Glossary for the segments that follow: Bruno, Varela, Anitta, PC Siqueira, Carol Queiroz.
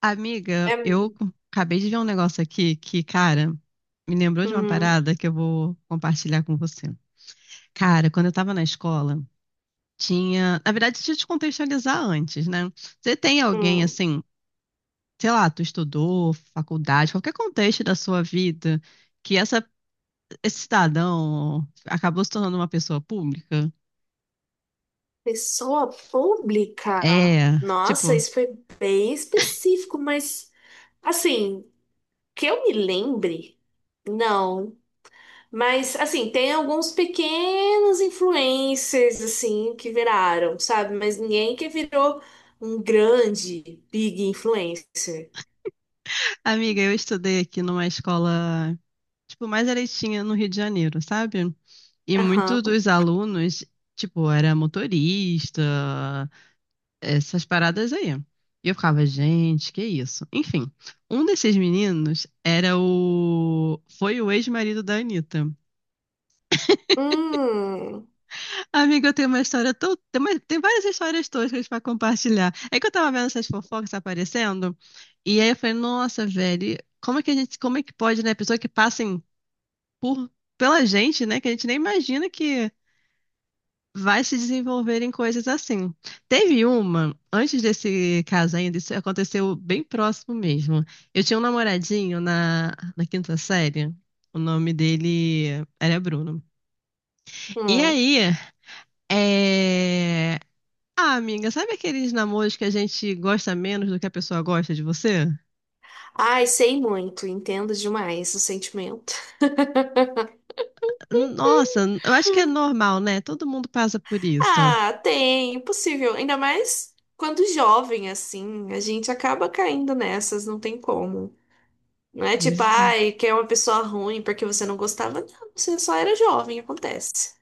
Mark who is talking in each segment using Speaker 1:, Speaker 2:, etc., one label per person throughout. Speaker 1: Amiga,
Speaker 2: É.
Speaker 1: eu acabei de ver um negócio aqui que, cara, me lembrou de uma
Speaker 2: hum,
Speaker 1: parada que eu vou compartilhar com você. Cara, quando eu tava na escola, tinha. Na verdade, deixa eu te contextualizar antes, né? Você tem alguém
Speaker 2: hum,
Speaker 1: assim, sei lá, tu estudou, faculdade, qualquer contexto da sua vida, que essa, esse cidadão acabou se tornando uma pessoa pública?
Speaker 2: Pessoa pública.
Speaker 1: É,
Speaker 2: Nossa,
Speaker 1: tipo,
Speaker 2: isso foi bem específico, mas assim, que eu me lembre, não. Mas assim, tem alguns pequenos influencers assim que viraram, sabe? Mas ninguém que virou um grande big influencer.
Speaker 1: amiga, eu estudei aqui numa escola, tipo, mais eleitinha no Rio de Janeiro, sabe? E muito
Speaker 2: Aham.
Speaker 1: dos alunos, tipo, era motorista, essas paradas aí. E eu ficava, gente, que isso? Enfim, um desses meninos era o. Foi o ex-marido da Anitta.
Speaker 2: Hum,
Speaker 1: Amiga, eu tenho uma história tão. Tem, tem várias histórias toscas pra compartilhar. É que eu tava vendo essas fofocas aparecendo, e aí eu falei, nossa, velho, como é que a gente. Como é que pode, né? Pessoa que passem por. Pela gente, né? Que a gente nem imagina que vai se desenvolver em coisas assim. Teve uma, antes desse caso ainda, isso aconteceu bem próximo mesmo. Eu tinha um namoradinho na quinta série, o nome dele era Bruno. E
Speaker 2: hum.
Speaker 1: aí, é... ah, amiga, sabe aqueles namoros que a gente gosta menos do que a pessoa gosta de você?
Speaker 2: Ai, sei muito, entendo demais o sentimento.
Speaker 1: Nossa, eu acho que é normal, né? Todo mundo passa por isso.
Speaker 2: Ah, tem, impossível. Ainda mais quando jovem, assim, a gente acaba caindo nessas, não tem como. Não é tipo,
Speaker 1: Pois
Speaker 2: ai, que é uma pessoa ruim porque você não gostava. Não, você só era jovem, acontece.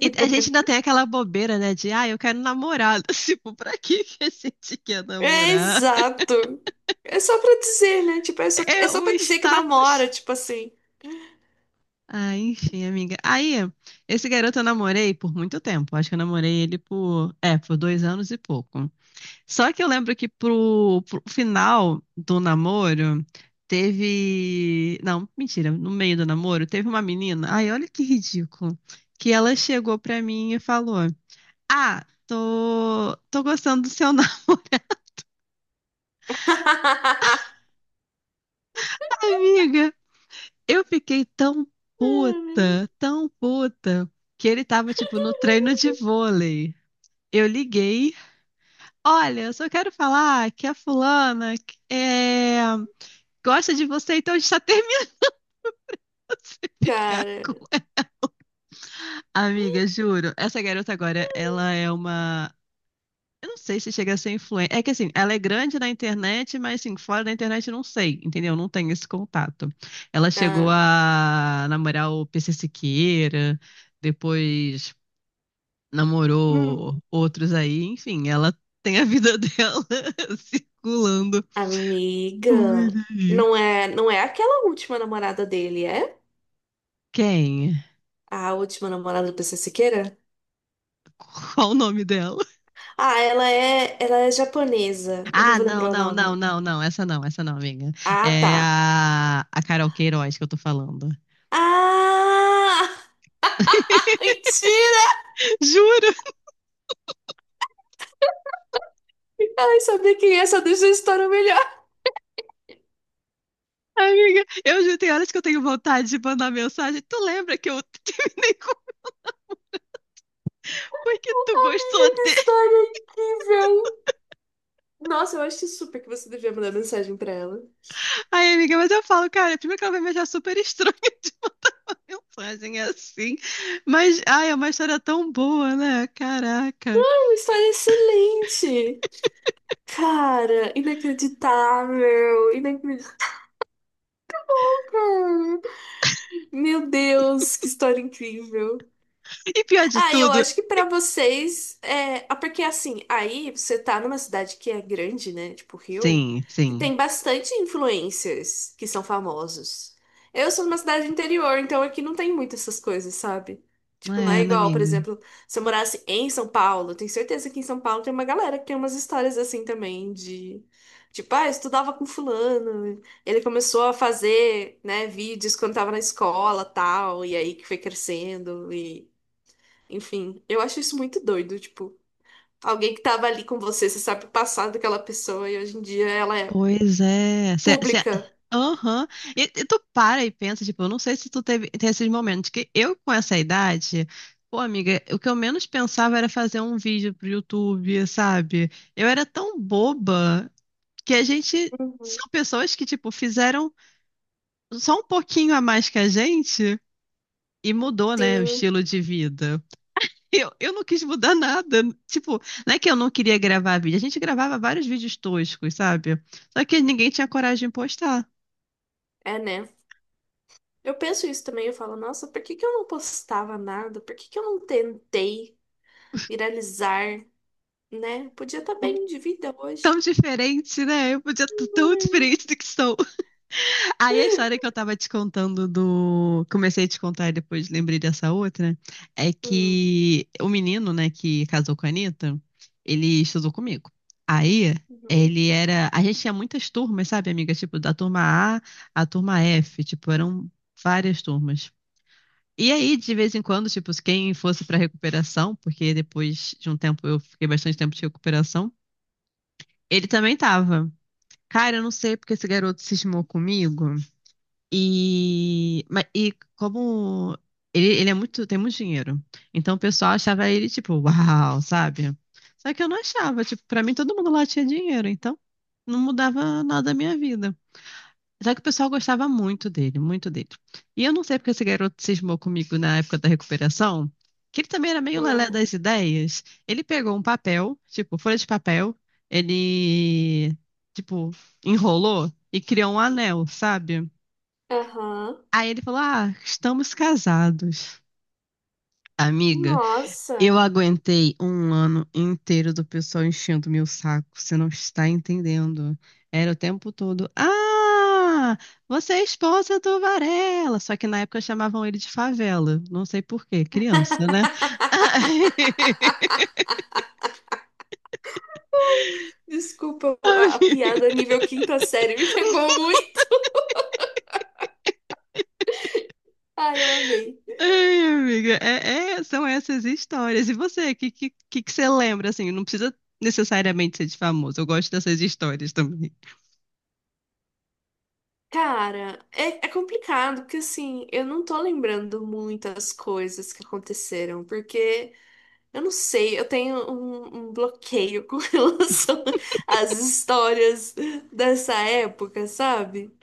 Speaker 1: e a gente ainda tem aquela bobeira, né? De, ah, eu quero namorar. Tipo, pra que que a gente quer
Speaker 2: É
Speaker 1: namorar?
Speaker 2: exato. É só pra dizer, né? Tipo, é só, é
Speaker 1: É
Speaker 2: só
Speaker 1: um
Speaker 2: pra dizer que namora,
Speaker 1: status.
Speaker 2: tipo assim.
Speaker 1: Ah, enfim, amiga. Aí, esse garoto eu namorei por muito tempo. Acho que eu namorei ele por, é, por dois anos e pouco. Só que eu lembro que pro final do namoro, teve. Não, mentira, no meio do namoro, teve uma menina. Ai, olha que ridículo. Que ela chegou pra mim e falou: Ah, tô gostando do seu namoro.
Speaker 2: Ah,
Speaker 1: Amiga, eu fiquei
Speaker 2: né?
Speaker 1: tão puta, que ele tava, tipo, no treino de vôlei. Eu liguei. Olha, eu só quero falar que a fulana é, gosta de você, então a gente tá terminando de ficar
Speaker 2: Cara.
Speaker 1: com ela. Amiga, juro, essa garota agora, ela é uma. Eu não sei se chega a ser influente. É que assim, ela é grande na internet, mas assim, fora da internet eu não sei, entendeu? Não tenho esse contato. Ela chegou
Speaker 2: Ah,
Speaker 1: a namorar o PC Siqueira, depois
Speaker 2: hum.
Speaker 1: namorou outros aí, enfim, ela tem a vida dela circulando por
Speaker 2: Amiga.
Speaker 1: aí.
Speaker 2: Não é aquela última namorada dele, é?
Speaker 1: Quem?
Speaker 2: A última namorada do PC Siqueira?
Speaker 1: Qual o nome dela?
Speaker 2: Ah, ela é japonesa. Eu não
Speaker 1: Ah,
Speaker 2: vou
Speaker 1: não,
Speaker 2: lembrar o
Speaker 1: não, não,
Speaker 2: nome.
Speaker 1: não, não, essa não, essa não, amiga.
Speaker 2: Ah,
Speaker 1: É
Speaker 2: tá.
Speaker 1: a Carol Queiroz que eu tô falando.
Speaker 2: Ah! Mentira!
Speaker 1: Juro!
Speaker 2: Ai, saber quem é só deixa a história melhor.
Speaker 1: Amiga, eu já tem horas que eu tenho vontade de mandar mensagem. Tu lembra que eu terminei com o foi que tu gostou
Speaker 2: Amiga, que
Speaker 1: dele?
Speaker 2: história incrível! Nossa, eu acho super que você devia mandar mensagem pra ela.
Speaker 1: Ai, amiga, mas eu falo, cara, primeiro que ela vai me achar super estranha de mandar mensagem assim. Mas, ai, é uma história tão boa, né? Caraca.
Speaker 2: Ai, uma história excelente! Cara, inacreditável! Inacreditável! Meu Deus, que história incrível!
Speaker 1: E pior de
Speaker 2: Ah, eu
Speaker 1: tudo.
Speaker 2: acho que pra vocês é, ah, porque assim, aí você tá numa cidade que é grande, né? Tipo Rio,
Speaker 1: Sim,
Speaker 2: que
Speaker 1: sim.
Speaker 2: tem bastante influencers que são famosos. Eu sou numa cidade interior, então aqui não tem muito essas coisas, sabe? Tipo, não é
Speaker 1: É, né,
Speaker 2: igual, por
Speaker 1: amiga?
Speaker 2: exemplo, se eu morasse em São Paulo, tenho certeza que em São Paulo tem uma galera que tem umas histórias assim também de tipo, ah, eu estudava com fulano, ele começou a fazer, né, vídeos quando tava na escola, tal, e aí que foi crescendo e enfim, eu acho isso muito doido, tipo, alguém que tava ali com você, você sabe o passado daquela pessoa e hoje em dia ela é
Speaker 1: Pois é.
Speaker 2: pública.
Speaker 1: Aham. E tu para e pensa, tipo, eu não sei se tu teve, tem esses momentos, que eu com essa idade, pô, amiga, o que eu menos pensava era fazer um vídeo pro YouTube, sabe? Eu era tão boba que a gente.
Speaker 2: Uhum.
Speaker 1: São pessoas que, tipo, fizeram só um pouquinho a mais que a gente e mudou, né, o
Speaker 2: Sim,
Speaker 1: estilo de vida. Eu não quis mudar nada. Tipo, não é que eu não queria gravar vídeo. A gente gravava vários vídeos toscos, sabe? Só que ninguém tinha coragem de postar.
Speaker 2: é, né? Eu penso isso também, eu falo, nossa, por que que eu não postava nada? Por que que eu não tentei viralizar, né? Podia estar bem de vida
Speaker 1: Tão
Speaker 2: hoje.
Speaker 1: diferente, né? Eu podia estar tão diferente do que sou. Aí a história que eu tava te contando do. Comecei a te contar e depois lembrei dessa outra. É
Speaker 2: Uhum.
Speaker 1: que o menino, né, que casou com a Anitta, ele estudou comigo. Aí
Speaker 2: Uhum.
Speaker 1: ele era. A gente tinha muitas turmas, sabe, amiga? Tipo, da turma A à turma F. Tipo, eram várias turmas. E aí, de vez em quando, tipo, quem fosse pra recuperação, porque depois de um tempo eu fiquei bastante tempo de recuperação, ele também tava. Cara, eu não sei porque esse garoto cismou comigo. E, e como ele é muito, tem muito dinheiro. Então o pessoal achava ele tipo, uau, sabe? Só que eu não achava, tipo, pra mim todo mundo lá tinha dinheiro, então não mudava nada a minha vida. Só que o pessoal gostava muito dele, muito dele. E eu não sei porque esse garoto cismou comigo na época da recuperação, que ele também era meio lelé
Speaker 2: Hum.
Speaker 1: das ideias. Ele pegou um papel, tipo, folha de papel, ele, tipo, enrolou e criou um anel, sabe?
Speaker 2: Aham.
Speaker 1: Aí ele falou: Ah, estamos casados. Amiga. Eu
Speaker 2: Nossa.
Speaker 1: aguentei um ano inteiro do pessoal enchendo meu saco, você não está entendendo. Era o tempo todo. Ah, você é esposa do Varela. Só que na época chamavam ele de favela. Não sei por quê, criança, né?
Speaker 2: Desculpa, a
Speaker 1: Amiga,
Speaker 2: piada nível quinta série me pegou muito. Ai, eu amei.
Speaker 1: ai, amiga, são essas histórias. E você, o que, que você lembra? Assim, não precisa necessariamente ser de famoso. Eu gosto dessas histórias também.
Speaker 2: Cara, é complicado, porque assim, eu não tô lembrando muitas coisas que aconteceram, porque eu não sei, eu tenho um bloqueio com relação às histórias dessa época, sabe?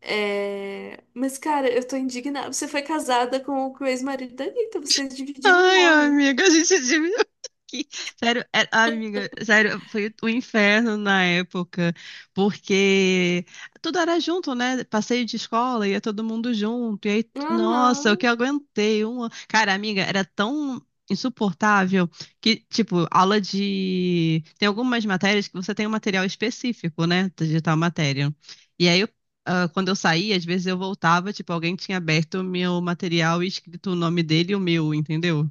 Speaker 2: É. Mas, cara, eu tô indignada. Você foi casada com o ex-marido da Anitta, vocês dividiram um
Speaker 1: Ai,
Speaker 2: homem.
Speaker 1: amiga, a gente admira aqui. Sério, amiga, sério, foi um inferno na época, porque tudo era junto, né? Passeio de escola, ia todo mundo junto. E aí,
Speaker 2: Aham.
Speaker 1: nossa, o que eu aguentei? Uma... Cara, amiga, era tão insuportável que, tipo, aula de. Tem algumas matérias que você tem um material específico, né? De tal matéria. E aí, ah, quando eu saía, às vezes eu voltava, tipo, alguém tinha aberto o meu material e escrito o nome dele e o meu, entendeu?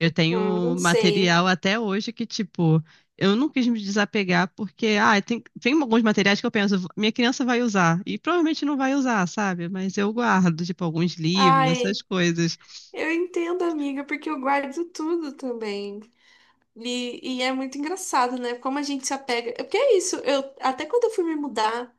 Speaker 1: Eu tenho
Speaker 2: Não sei.
Speaker 1: material até hoje que, tipo, eu não quis me desapegar porque, ah, tem alguns materiais que eu penso, minha criança vai usar, e provavelmente não vai usar, sabe? Mas eu guardo, tipo, alguns livros,
Speaker 2: Ai.
Speaker 1: essas coisas.
Speaker 2: Eu entendo, amiga, porque eu guardo tudo também. E é muito engraçado, né? Como a gente se apega. Porque é isso, eu até quando eu fui me mudar,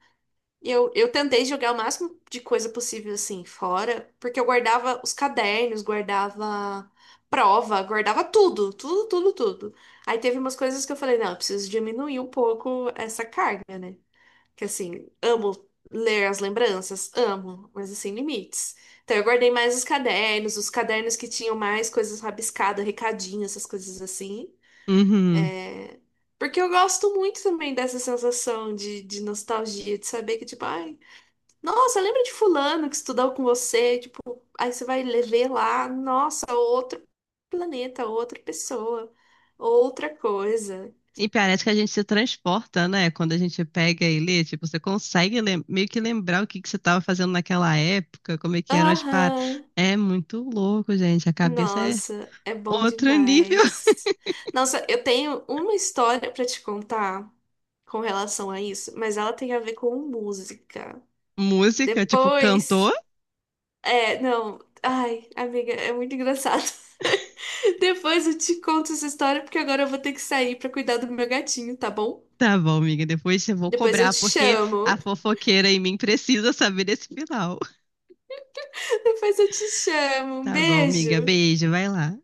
Speaker 2: eu tentei jogar o máximo de coisa possível assim fora, porque eu guardava os cadernos, guardava prova, guardava tudo, tudo, tudo, tudo. Aí teve umas coisas que eu falei, não, eu preciso diminuir um pouco essa carga. Que assim, amo ler as lembranças, amo, mas assim, limites. Então eu guardei mais os cadernos que tinham mais coisas rabiscadas, recadinho, essas coisas assim.
Speaker 1: Uhum.
Speaker 2: É. Porque eu gosto muito também dessa sensação de nostalgia, de saber que, tipo, ai, nossa, lembra de fulano que estudou com você? Tipo, aí você vai le- ver lá, nossa, outro planeta, outra pessoa, outra coisa.
Speaker 1: E parece que a gente se transporta, né? Quando a gente pega e lê, tipo, você consegue meio que lembrar o que que você estava fazendo naquela época, como é que eram as paradas.
Speaker 2: Aham.
Speaker 1: É muito louco, gente. A cabeça é
Speaker 2: Nossa, é bom
Speaker 1: outro nível.
Speaker 2: demais. Nossa, eu tenho uma história pra te contar com relação a isso, mas ela tem a ver com música.
Speaker 1: Música, tipo, cantor?
Speaker 2: Depois, é, não, ai, amiga, é muito engraçado. Depois eu te conto essa história porque agora eu vou ter que sair pra cuidar do meu gatinho, tá bom?
Speaker 1: Tá bom, amiga. Depois eu vou
Speaker 2: Depois eu
Speaker 1: cobrar,
Speaker 2: te
Speaker 1: porque a
Speaker 2: chamo.
Speaker 1: fofoqueira em mim precisa saber desse final.
Speaker 2: Depois eu te chamo. Um
Speaker 1: Tá bom, amiga.
Speaker 2: beijo.
Speaker 1: Beijo, vai lá.